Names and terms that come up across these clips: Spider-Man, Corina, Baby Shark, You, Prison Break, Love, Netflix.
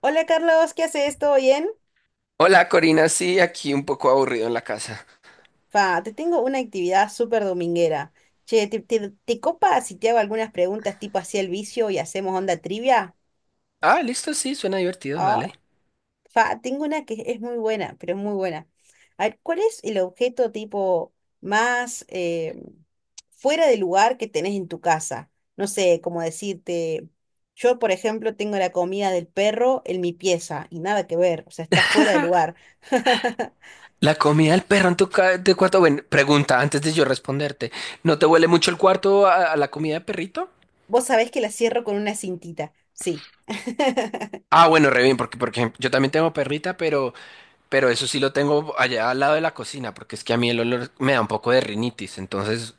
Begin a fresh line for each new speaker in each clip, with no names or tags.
Hola Carlos, ¿qué haces? ¿Todo bien?
Hola Corina, sí, aquí un poco aburrido en la casa.
Fa, te tengo una actividad súper dominguera. Che, ¿te copa si te hago algunas preguntas tipo así el vicio y hacemos onda trivia?
Ah, listo, sí, suena divertido,
Ah,
dale.
fa, tengo una que es muy buena, pero es muy buena. A ver, ¿cuál es el objeto tipo más fuera de lugar que tenés en tu casa? No sé, como decirte, yo por ejemplo tengo la comida del perro en mi pieza y nada que ver, o sea, está fuera de lugar.
La comida del perro en tu, ca- tu cuarto, bueno, pregunta antes de yo responderte. ¿No te huele mucho el cuarto a la comida de perrito?
Vos sabés que la cierro con una cintita, sí.
Ah, bueno, re bien, porque, porque yo también tengo perrita, pero eso sí lo tengo allá al lado de la cocina, porque es que a mí el olor me da un poco de rinitis, entonces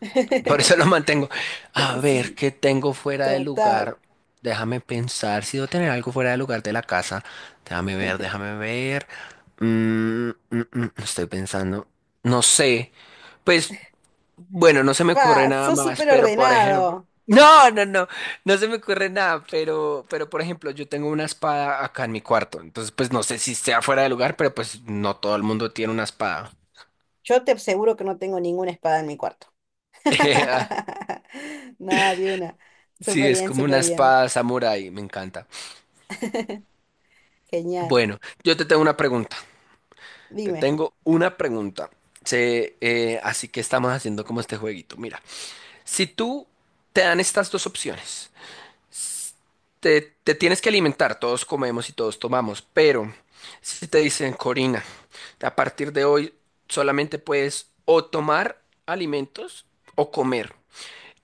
por eso lo mantengo. A ver,
Sí,
¿qué tengo fuera de
total.
lugar? Déjame pensar, si debo tener algo fuera de lugar de la casa. Déjame ver, déjame ver. Estoy pensando. No sé. Pues. Bueno, no se me ocurre
Pa,
nada
sos
más,
súper
pero por ejemplo,
ordenado.
no, no, no, no se me ocurre nada, pero por ejemplo, yo tengo una espada acá en mi cuarto, entonces pues no sé si sea fuera de lugar, pero pues no todo el mundo tiene una espada.
Yo te aseguro que no tengo ninguna espada en mi cuarto.
Ah,
Nada, de una. Súper
sí, es
bien,
como una
súper bien.
espada samurái, me encanta.
Genial.
Bueno, yo te tengo una pregunta, te
Dime.
tengo una pregunta. Así que estamos haciendo como este jueguito. Mira, si tú te dan estas dos opciones. Te tienes que alimentar, todos comemos y todos tomamos, pero si te dicen, Corina, a partir de hoy solamente puedes o tomar alimentos o comer.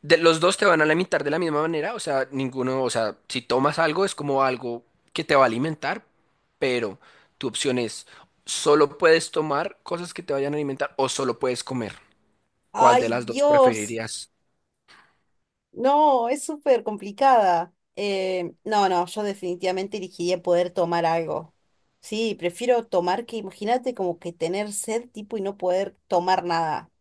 De, los dos te van a alimentar de la misma manera, o sea, ninguno, o sea, si tomas algo es como algo que te va a alimentar, pero tu opción es, solo puedes tomar cosas que te vayan a alimentar o solo puedes comer. ¿Cuál de
Ay,
las dos
Dios.
preferirías?
No, es súper complicada. No, no, yo definitivamente elegiría poder tomar algo. Sí, prefiero tomar que, imagínate, como que tener sed tipo y no poder tomar nada.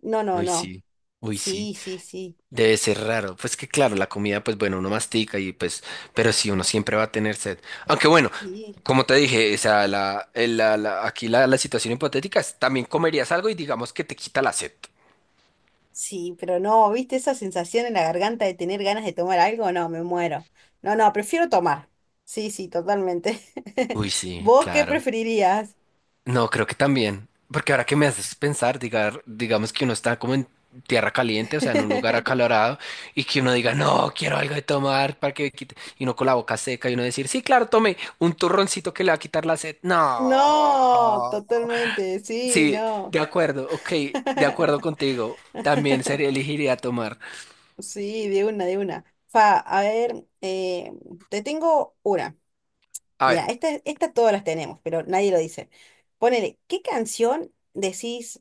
No, no,
Uy,
no.
sí. Uy, sí.
Sí, sí, sí.
Debe ser raro. Pues que claro, la comida, pues bueno, uno mastica y pues, pero sí, uno siempre va a tener sed. Aunque bueno,
Sí,
como te dije, o sea, la, el- la- la- aquí la, la situación hipotética es, también comerías algo y digamos que te quita la sed.
sí, pero no, ¿viste esa sensación en la garganta de tener ganas de tomar algo? No, me muero. No, no, prefiero tomar. Sí, sí, totalmente.
Uy, sí,
¿Vos qué
claro.
preferirías?
No, creo que también. Porque ahora que me haces pensar, diga- digamos que uno está como en tierra caliente, o sea, en un lugar acalorado, y que uno diga, no, quiero algo de tomar para que me quite. Y uno con la boca seca y uno decir, sí, claro, tome un turroncito que le va a quitar la sed. No.
No, totalmente, sí,
Sí,
no.
de acuerdo, ok, de acuerdo contigo. También sería elegiría tomar.
Sí, de una, de una. Fa, a ver, te tengo una.
A
Mira,
ver,
esta todas las tenemos, pero nadie lo dice. Ponele, ¿qué canción decís?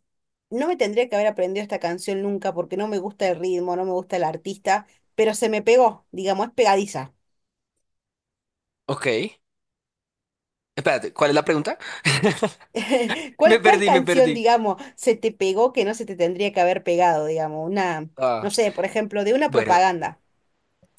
No me tendría que haber aprendido esta canción nunca porque no me gusta el ritmo, no me gusta el artista, pero se me pegó, digamos, es pegadiza.
ok. Espérate, ¿cuál es la pregunta? Me
¿Cuál
perdí, me
canción,
perdí.
digamos, se te pegó que no se te tendría que haber pegado, digamos? Una, no
Ah,
sé, por ejemplo, de una
bueno,
propaganda.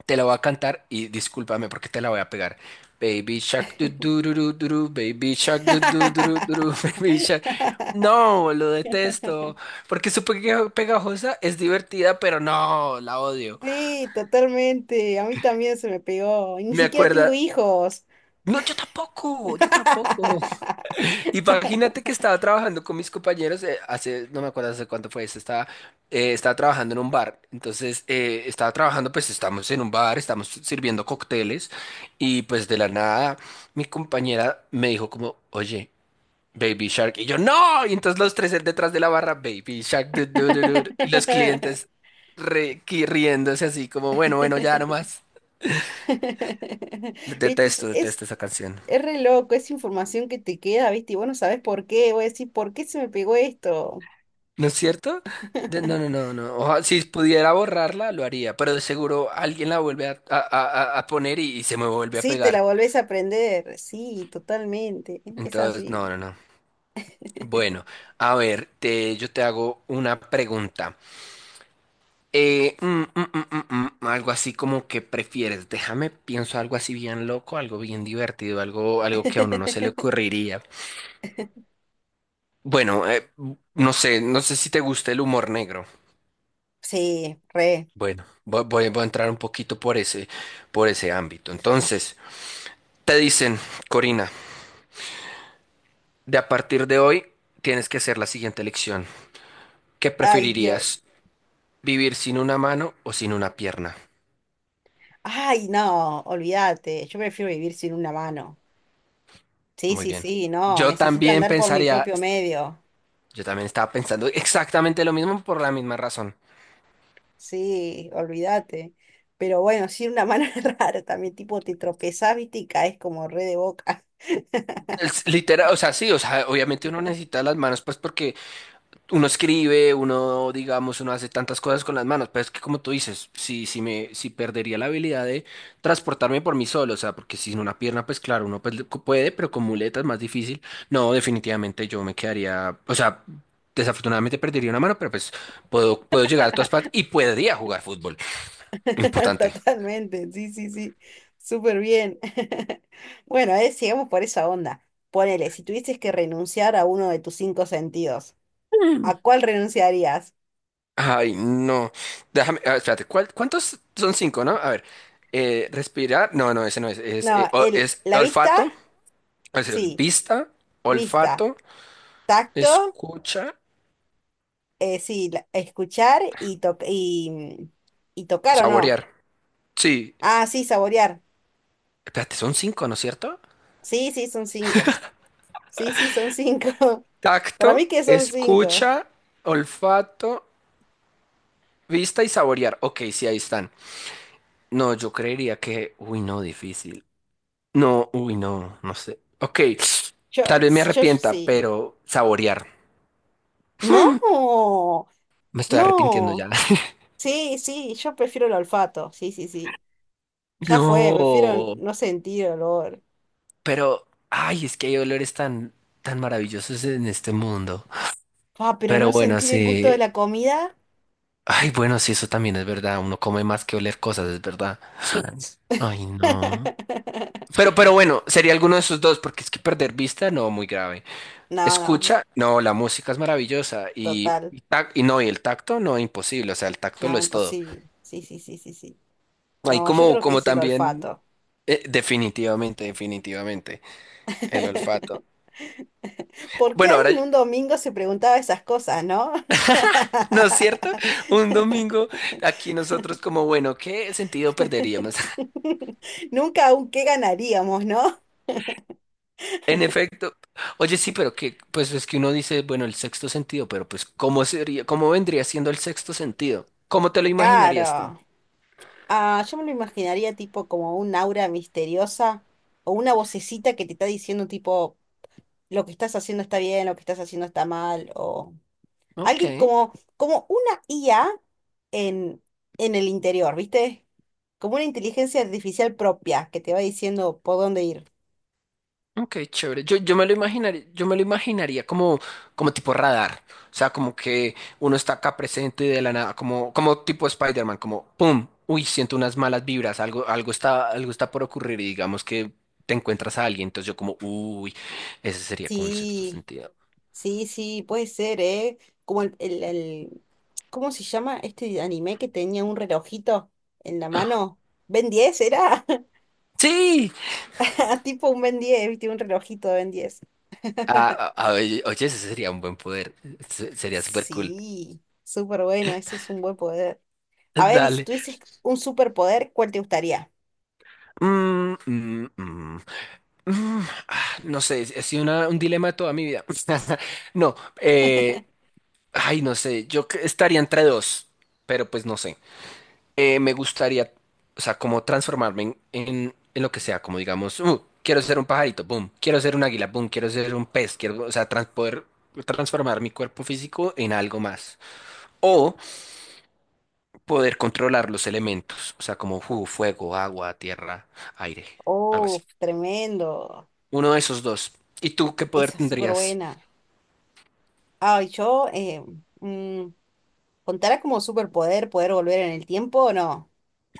te la voy a cantar y discúlpame porque te la voy a pegar. Baby Shark, du, du, du, du, du, du, Baby Shark, du, du, du, du, du, Baby Shark. No, lo detesto. Porque su pega- pegajosa es divertida, pero no, la odio.
Sí, totalmente. A mí también se me pegó. Y ni
Me
siquiera tengo
acuerda.
hijos.
No, yo tampoco, yo tampoco. Imagínate que estaba trabajando con mis compañeros, hace, no me acuerdo hace cuánto fue esto, estaba, estaba trabajando en un bar. Entonces, estaba trabajando, pues estamos en un bar, estamos sirviendo cócteles y pues de la nada mi compañera me dijo como, oye, Baby Shark. Y yo, no. Y entonces los tres detrás de la barra, Baby Shark. Du- du- du- du", du. Y los clientes re- qui- riéndose así como, bueno, bueno, ya nomás.
Viste, es,
Detesto, detesto
es,
esa canción.
es re loco, es información que te queda, viste, y vos no sabés por qué. Voy a decir, ¿por qué se me pegó esto?
¿No es cierto? De- no, no, no, no. Oja- si pudiera borrarla, lo haría, pero de seguro alguien la vuelve a poner y se me vuelve a
Sí, te la
pegar.
volvés a aprender. Sí, totalmente. Es
Entonces, no,
así.
no, no. Bueno, a ver, te, yo te hago una pregunta. Eh, mm, algo así como que prefieres. Déjame, pienso algo así bien loco, algo bien divertido, algo, algo que a uno no se le ocurriría. Bueno, no sé, no sé si te gusta el humor negro.
Sí, re.
Bueno, voy, voy a entrar un poquito por ese ámbito. Entonces. Te dicen, Corina, de a partir de hoy tienes que hacer la siguiente elección. ¿Qué
Ay, Dios.
preferirías? ¿Vivir sin una mano o sin una pierna?
Ay, no, olvídate. Yo prefiero vivir sin una mano. Sí,
Muy
sí,
bien.
sí, no,
Yo
necesito
también
andar por mi
pensaría,
propio medio.
yo también estaba pensando exactamente lo mismo por la misma razón.
Sí, olvídate. Pero bueno, sí, una mano rara también, tipo te tropezás, viste, y caes como re de boca.
Es literal, o sea, sí, o sea, obviamente uno necesita las manos, pues porque uno escribe, uno, digamos, uno hace tantas cosas con las manos, pero es que como tú dices, si, si me, si perdería la habilidad de transportarme por mí solo, o sea, porque sin una pierna, pues claro, uno pues, puede, pero con muletas es más difícil. No, definitivamente yo me quedaría, o sea, desafortunadamente perdería una mano, pero pues puedo, puedo llegar a todas partes y podría jugar fútbol. Importante.
Totalmente, sí, sí, sí, súper bien. Bueno, a ver, sigamos por esa onda. Ponele, si tuvieses que renunciar a uno de tus cinco sentidos,
Mm.
¿a cuál renunciarías?
Ay, no. Déjame, a ver, espérate, ¿cuál- cuántos son cinco, no? A ver, respirar, no, no, ese no es, es,
No,
o-
el,
es
la vista,
olfato. Es el
sí,
vista,
vista.
olfato,
Tacto.
escucha,
Sí, escuchar y, y, y tocar o no.
saborear. Sí.
Ah, sí, saborear.
Espérate, son cinco, ¿no es cierto?
Sí, sí, son cinco. Sí, sí, son cinco.
Tacto,
Para mí que son cinco.
escucha, olfato, vista y saborear. Ok, sí, ahí están. No, yo creería que... Uy, no, difícil. No, uy, no, no sé. Ok,
Yo,
tal vez me
sí, yo
arrepienta,
sí.
pero saborear.
No,
Me estoy arrepintiendo
no.
ya.
Sí, sí, yo prefiero el olfato. Sí, sí, sí. Ya fue, prefiero
No,
no sentir olor.
pero... Ay, es que hay olores tan, tan maravillosos en este mundo.
Ah, pero
Pero
no
bueno,
sentir el gusto de
sí.
la comida.
Ay, bueno, sí, eso también es verdad. Uno come más que oler cosas, es verdad. Ay, no. Pero bueno, sería alguno de esos dos, porque es que perder vista, no, muy grave.
No, no,
Escucha, no, la música es maravillosa.
total.
Y, tac- y no, y el tacto, no, imposible. O sea, el tacto
No,
lo es todo.
imposible. Sí, sí, sí, sí, sí.
Ahí
No, yo
como,
creo que
como
es el
también,
olfato.
definitivamente, definitivamente, el olfato.
¿Por qué
Bueno, ahora,
alguien un domingo se preguntaba esas cosas, no?
¿no es cierto? Un domingo, aquí nosotros como, bueno, ¿qué sentido perderíamos?
Nunca aún qué ganaríamos, ¿no?
En efecto. Oye, sí, pero que, pues es que uno dice, bueno, el sexto sentido, pero pues, ¿cómo sería, cómo vendría siendo el sexto sentido? ¿Cómo te lo imaginarías tú?
Claro. Ah, yo me lo imaginaría tipo como un aura misteriosa o una vocecita que te está diciendo tipo lo que estás haciendo está bien, lo que estás haciendo está mal o...
Ok,
Alguien como, una IA en, en el interior, ¿viste? Como una inteligencia artificial propia que te va diciendo por dónde ir.
ok, chévere. Yo me lo imaginaría, yo me lo imaginaría como, como tipo radar. O sea, como que uno está acá presente y de la nada, como, como tipo Spider-Man, como ¡pum! Uy, siento unas malas vibras, algo, algo está por ocurrir y digamos que te encuentras a alguien. Entonces yo como, uy, ese sería como el sexto
Sí,
sentido.
sí, sí, puede ser, ¿eh? Como ¿cómo se llama este anime que tenía un relojito en la mano? ¿Ben 10 era?
Sí,
Tipo un Ben 10, ¿viste? Un relojito de Ben 10.
ah, ah, ah, oye, oye, ese sería un buen poder. Se- sería súper cool.
Sí, súper bueno, ese es un buen poder. A ver, y si
Dale.
tuvieses un superpoder, ¿cuál te gustaría?
Mm, mm, mm, mm. Ah, no sé, ha sido una- un dilema de toda mi vida. No, eh, ay, no sé, yo que- estaría entre dos, pero pues no sé. Me gustaría, o sea, como transformarme en lo que sea, como digamos, quiero ser un pajarito, boom, quiero ser un águila, boom, quiero ser un pez, quiero, o sea, trans- poder transformar mi cuerpo físico en algo más. O poder controlar los elementos, o sea, como fu- fuego, agua, tierra, aire, algo
Oh,
así.
tremendo.
Uno de esos dos. ¿Y tú qué poder
Esa es súper
tendrías?
buena. Ay, yo, mm, ¿contará como superpoder poder volver en el tiempo o no?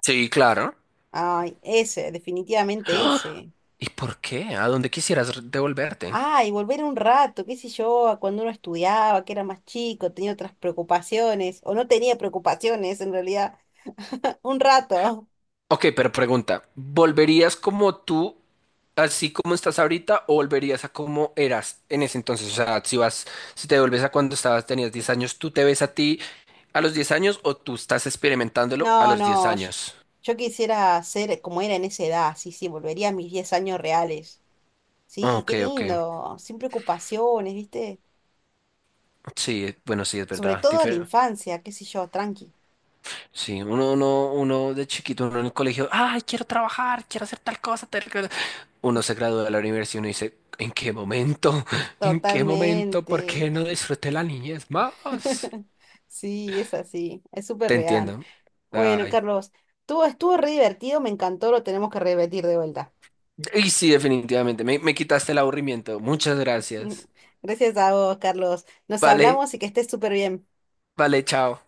Sí, claro.
Ay, ese, definitivamente ese.
¿Y por qué? ¿A dónde quisieras re- devolverte?
Ay, volver un rato, qué sé yo, a cuando uno estudiaba, que era más chico, tenía otras preocupaciones, o no tenía preocupaciones en realidad. Un rato.
Ok, pero pregunta, ¿volverías como tú, así como estás ahorita, o volverías a como eras en ese entonces? O sea, si vas, si te devuelves a cuando estabas, tenías 10 años, ¿tú te ves a ti a los 10 años o tú estás experimentándolo a
No,
los diez
no, yo,
años?
yo quisiera ser como era en esa edad, sí, sí, volvería a mis 10 años reales. Sí,
Ok,
qué
ok.
lindo, sin preocupaciones, ¿viste?
Sí, bueno, sí, es
Sobre
verdad.
todo la infancia, qué sé yo, tranqui.
Sí, uno, uno, uno de chiquito, uno en el colegio, ay, quiero trabajar, quiero hacer tal cosa, tal cosa. Uno se gradúa de la universidad y uno dice, ¿en qué momento? ¿En qué momento? ¿Por
Totalmente.
qué no disfruté la niñez más?
Sí, es así, es súper
Te
real.
entiendo.
Bueno,
Ay.
Carlos, tú estuvo re divertido, me encantó, lo tenemos que repetir de vuelta.
Y sí, definitivamente, me quitaste el aburrimiento. Muchas gracias.
Gracias a vos, Carlos. Nos
Vale,
hablamos y que estés súper bien.
vale, chao.